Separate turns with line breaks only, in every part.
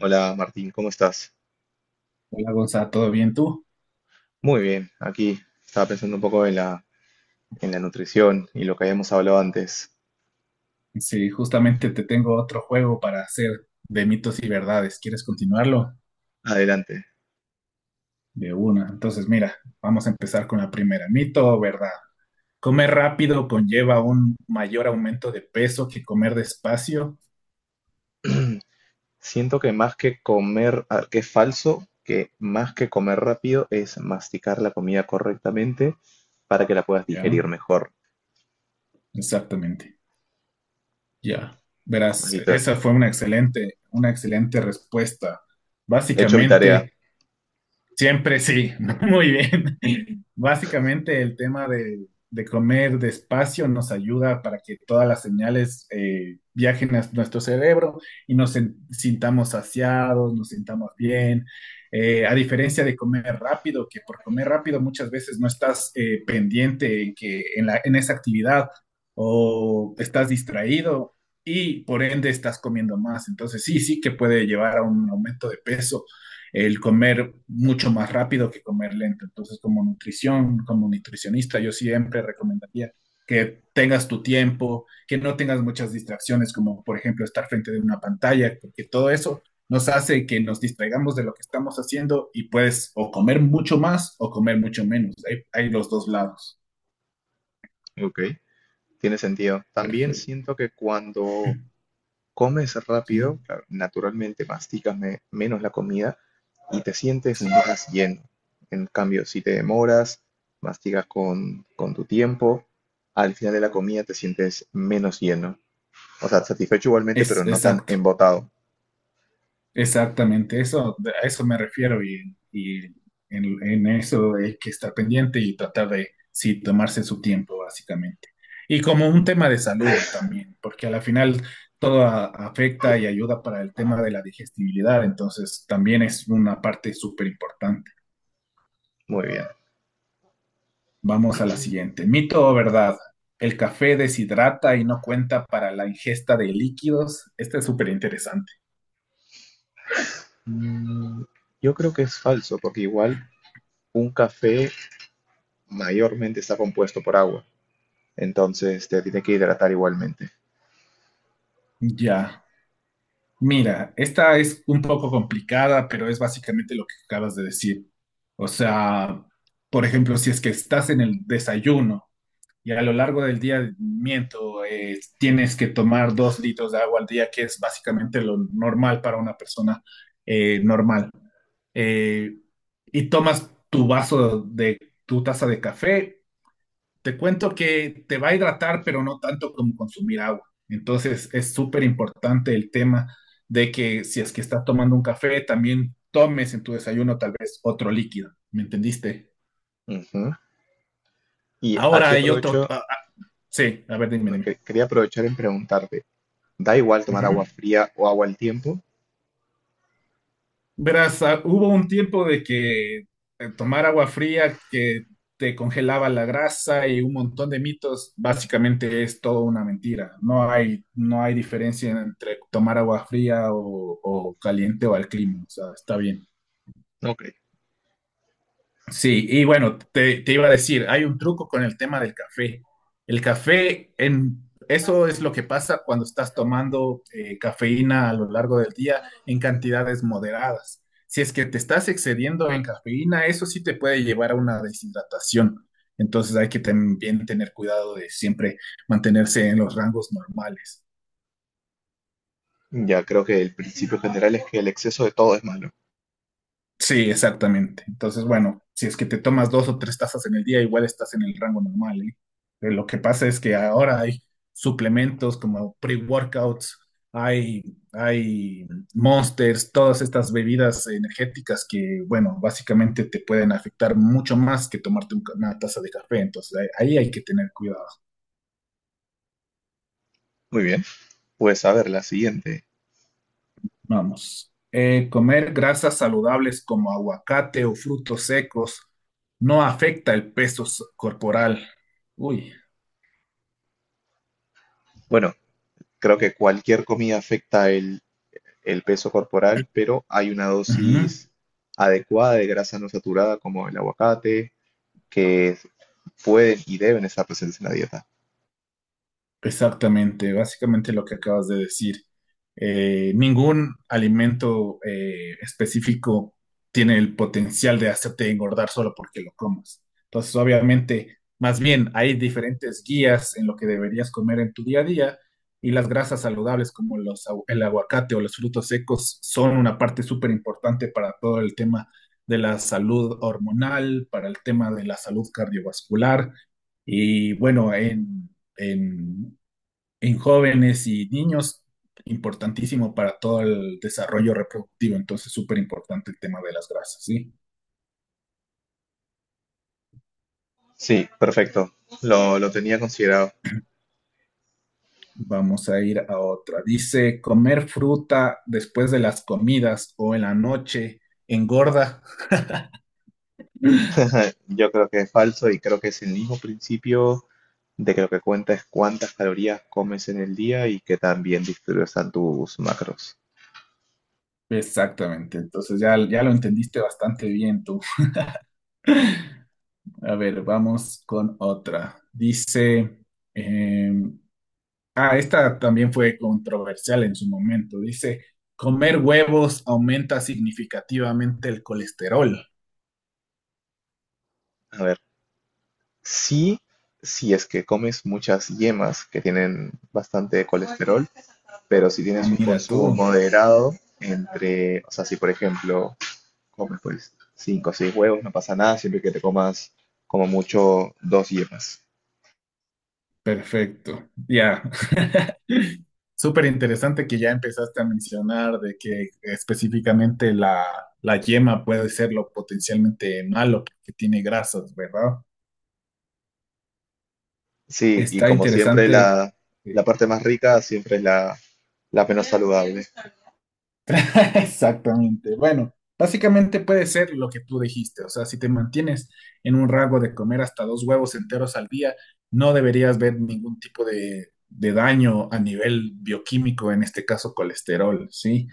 Hola Martín, ¿cómo estás?
Hola Gonza, ¿todo bien tú?
Muy bien, aquí estaba pensando un poco en la nutrición y lo que habíamos hablado antes.
Sí, justamente te tengo otro juego para hacer de mitos y verdades. ¿Quieres continuarlo?
Adelante.
De una. Entonces, mira, vamos a empezar con la primera. ¿Mito o verdad? Comer rápido conlleva un mayor aumento de peso que comer despacio.
Siento que más que comer, que es falso, que más que comer rápido es masticar la comida correctamente para que la puedas
Ya,
digerir mejor.
exactamente. Ya.
¿Has
Verás,
visto?
esa fue una excelente respuesta.
He hecho mi tarea.
Básicamente. Siempre sí, muy bien. Básicamente el tema de comer despacio nos ayuda para que todas las señales viajen a nuestro cerebro y nos sintamos saciados, nos sintamos bien. A diferencia de comer rápido, que por comer rápido muchas veces no estás pendiente en que en la, en esa actividad o estás distraído y por ende estás comiendo más. Entonces sí, sí que puede llevar a un aumento de peso el comer mucho más rápido que comer lento. Entonces, como nutrición, como nutricionista, yo siempre recomendaría que tengas tu tiempo, que no tengas muchas distracciones, como por ejemplo estar frente de una pantalla, porque todo eso nos hace que nos distraigamos de lo que estamos haciendo y puedes o comer mucho más o comer mucho menos. Hay los dos lados.
Ok. Tiene sentido. También
Perfecto.
siento que cuando comes
Sí,
rápido, claro, naturalmente masticas menos la comida y te sientes
sí.
más lleno. En cambio, si te demoras, mastigas con tu tiempo, al final de la comida te sientes menos lleno. O sea, satisfecho igualmente, pero
Es
no tan
exacto.
embotado.
Exactamente, eso, a eso me refiero y en eso hay que estar pendiente y tratar de, sí, tomarse su tiempo, básicamente. Y como un tema de salud también, porque a la final todo afecta y ayuda para el tema de la digestibilidad, entonces también es una parte súper importante.
Muy bien.
Vamos a la siguiente. ¿Mito o verdad? ¿El café deshidrata y no cuenta para la ingesta de líquidos? Este es súper interesante.
Mm, yo creo que es falso, porque igual un café mayormente está compuesto por agua. Entonces te tiene que hidratar igualmente.
Ya. Mira, esta es un poco complicada, pero es básicamente lo que acabas de decir. O sea, por ejemplo, si es que estás en el desayuno y a lo largo del día, miento, tienes que tomar 2 litros de agua al día, que es básicamente lo normal para una persona normal. Eh, y tomas tu taza de café, te cuento que te va a hidratar, pero no tanto como consumir agua. Entonces es súper importante el tema de que si es que estás tomando un café, también tomes en tu desayuno tal vez otro líquido. ¿Me entendiste?
Ujú. Y
Ahora
aquí
hay otro.
aprovecho,
Sí, a ver, dime,
no,
dime.
quería aprovechar en preguntarte, da igual tomar
Ujú.
agua fría o agua al tiempo.
Verás, hubo un tiempo de que tomar agua fría que te congelaba la grasa y un montón de mitos, básicamente es todo una mentira. No hay diferencia entre tomar agua fría o caliente o al clima, o sea, está bien.
Ok.
Sí, y bueno, te iba a decir, hay un truco con el tema del café. El café, eso es lo que pasa cuando estás tomando cafeína a lo largo del día en cantidades moderadas. Si es que te estás excediendo en cafeína, eso sí te puede llevar a una deshidratación. Entonces hay que también tener cuidado de siempre mantenerse en los rangos normales.
Ya creo que el principio general es que el exceso de todo es malo.
Sí, exactamente. Entonces, bueno, si es que te tomas dos o tres tazas en el día, igual estás en el rango normal, ¿eh? Pero lo que pasa es que ahora hay suplementos como pre-workouts, hay, hay Monsters, todas estas bebidas energéticas que, bueno, básicamente te pueden afectar mucho más que tomarte un una taza de café. Entonces, ahí hay que tener cuidado.
Muy bien. Pues a ver, la siguiente.
Vamos. Comer grasas saludables como aguacate o frutos secos no afecta el peso corporal. Uy.
Bueno, creo que cualquier comida afecta el peso corporal, pero hay una dosis adecuada de grasa no saturada como el aguacate, que pueden y deben estar presentes en la dieta.
Exactamente, básicamente lo que acabas de decir. Ningún alimento específico tiene el potencial de hacerte engordar solo porque lo comas. Entonces, obviamente, más bien hay diferentes guías en lo que deberías comer en tu día a día y las grasas saludables como el aguacate o los frutos secos son una parte súper importante para todo el tema de la salud hormonal, para el tema de la salud cardiovascular. Y bueno, en en jóvenes y niños, importantísimo para todo el desarrollo reproductivo, entonces súper importante el tema de las grasas, ¿sí?
Sí, perfecto. Lo tenía considerado.
Vamos a ir a otra. Dice, comer fruta después de las comidas o en la noche engorda.
Yo creo que es falso y creo que es el mismo principio de que lo que cuenta es cuántas calorías comes en el día y que también están tus macros.
Exactamente, entonces ya, ya lo entendiste bastante bien tú. A ver, vamos con otra. Dice, eh, ah, esta también fue controversial en su momento. Dice, comer huevos aumenta significativamente el colesterol.
A ver, sí, si es que comes muchas yemas que tienen bastante colesterol, pero si tienes un
Mira tú,
consumo moderado entre, o sea, si por ejemplo comes pues 5, o 6 huevos, no pasa nada, siempre que te comas como mucho dos yemas.
perfecto. Ya, súper interesante que ya empezaste a mencionar de que específicamente la yema puede ser lo potencialmente malo porque tiene grasas, ¿verdad?
Sí, y
Está
como siempre
interesante.
la
eh,
parte más rica siempre es la menos saludable.
Exactamente. Bueno, básicamente puede ser lo que tú dijiste. O sea, si te mantienes en un rango de comer hasta dos huevos enteros al día, no deberías ver ningún tipo de daño a nivel bioquímico, en este caso colesterol, ¿sí?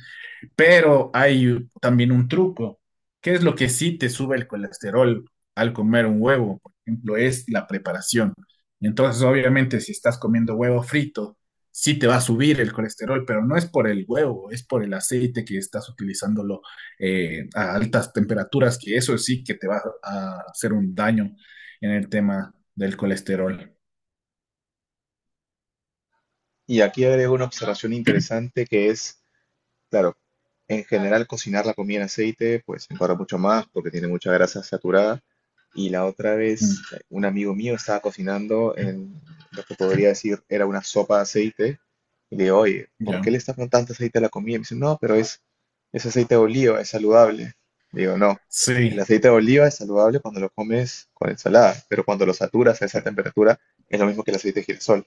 Pero hay también un truco. ¿Qué es lo que sí te sube el colesterol al comer un huevo? Por ejemplo, es la preparación. Entonces, obviamente, si estás comiendo huevo frito, sí te va a subir el colesterol, pero no es por el huevo, es por el aceite que estás utilizándolo a altas temperaturas, que eso sí que te va a hacer un daño en el tema del colesterol.
Y aquí agrego una observación interesante que es: claro, en general cocinar la comida en aceite pues engorda mucho más porque tiene mucha grasa saturada. Y la otra vez
Mm.
un amigo mío estaba cocinando en lo que podría decir era una sopa de aceite y le digo, oye, ¿por
Ya.
qué le estás poniendo tanto aceite a la comida? Y me dice, no, pero es aceite de oliva, es saludable. Le digo, no, el
Sí,
aceite de oliva es saludable cuando lo comes con ensalada, pero cuando lo saturas a esa temperatura es lo mismo que el aceite de girasol.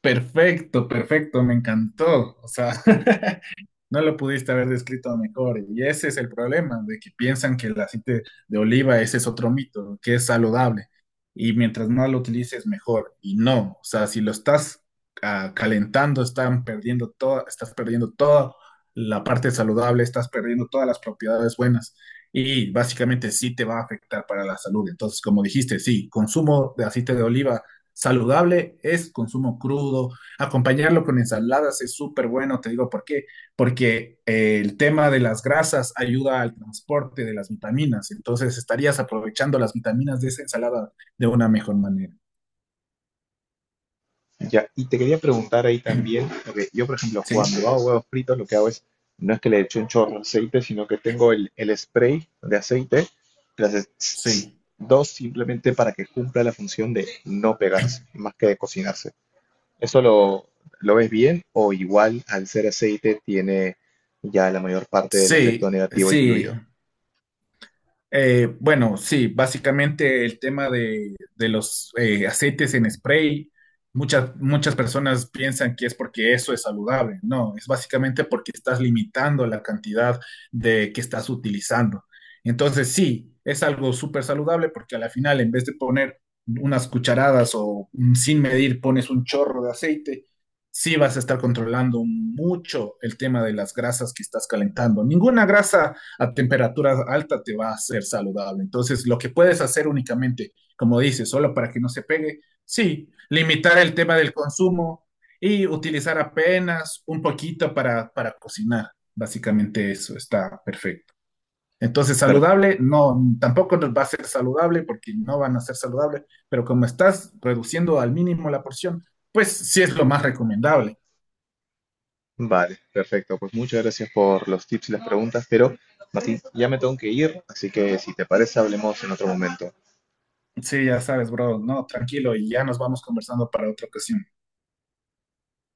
perfecto, perfecto, me encantó. O sea, no lo pudiste haber descrito mejor. Y ese es el problema, de que piensan que el aceite de oliva, ese es otro mito, que es saludable. Y mientras más lo utilices, mejor. Y no, o sea, si lo estás calentando, estás perdiendo toda la parte saludable, estás perdiendo todas las propiedades buenas. Y básicamente sí te va a afectar para la salud. Entonces, como dijiste, sí, consumo de aceite de oliva saludable es consumo crudo. Acompañarlo con ensaladas es súper bueno, te digo por qué, porque el tema de las grasas ayuda al transporte de las vitaminas, entonces estarías aprovechando las vitaminas de esa ensalada de una mejor manera.
Ya, y te quería preguntar ahí también, porque yo, por ejemplo,
Sí,
cuando hago huevos fritos, lo que hago es, no es que le eche un chorro de aceite, sino que tengo el spray de aceite, que le haces tss, tss,
sí,
dos simplemente para que cumpla la función de no pegarse, más que de cocinarse. ¿Eso lo ves bien o igual al ser aceite tiene ya la mayor parte del efecto
sí,
negativo
sí.
incluido?
Bueno, sí, básicamente el tema de los aceites en spray, muchas personas piensan que es porque eso es saludable. No, es básicamente porque estás limitando la cantidad de que estás utilizando. Entonces, sí, es algo súper saludable porque a la final, en vez de poner unas cucharadas o sin medir pones un chorro de aceite, sí vas a estar controlando mucho el tema de las grasas que estás calentando. Ninguna grasa a temperaturas altas te va a ser saludable. Entonces, lo que puedes hacer únicamente, como dices, solo para que no se pegue, sí, limitar el tema del consumo y utilizar apenas un poquito para cocinar. Básicamente eso está perfecto. Entonces,
Per-
saludable, no, tampoco nos va a ser saludable porque no van a ser saludables, pero como estás reduciendo al mínimo la porción, pues sí es lo más recomendable.
vale, perfecto. Pues muchas gracias por los tips y las preguntas, pero Martín, ya me tengo que ir, así que si te parece, hablemos en otro momento.
Sí, ya sabes, bro, no, tranquilo y ya nos vamos conversando para otra ocasión.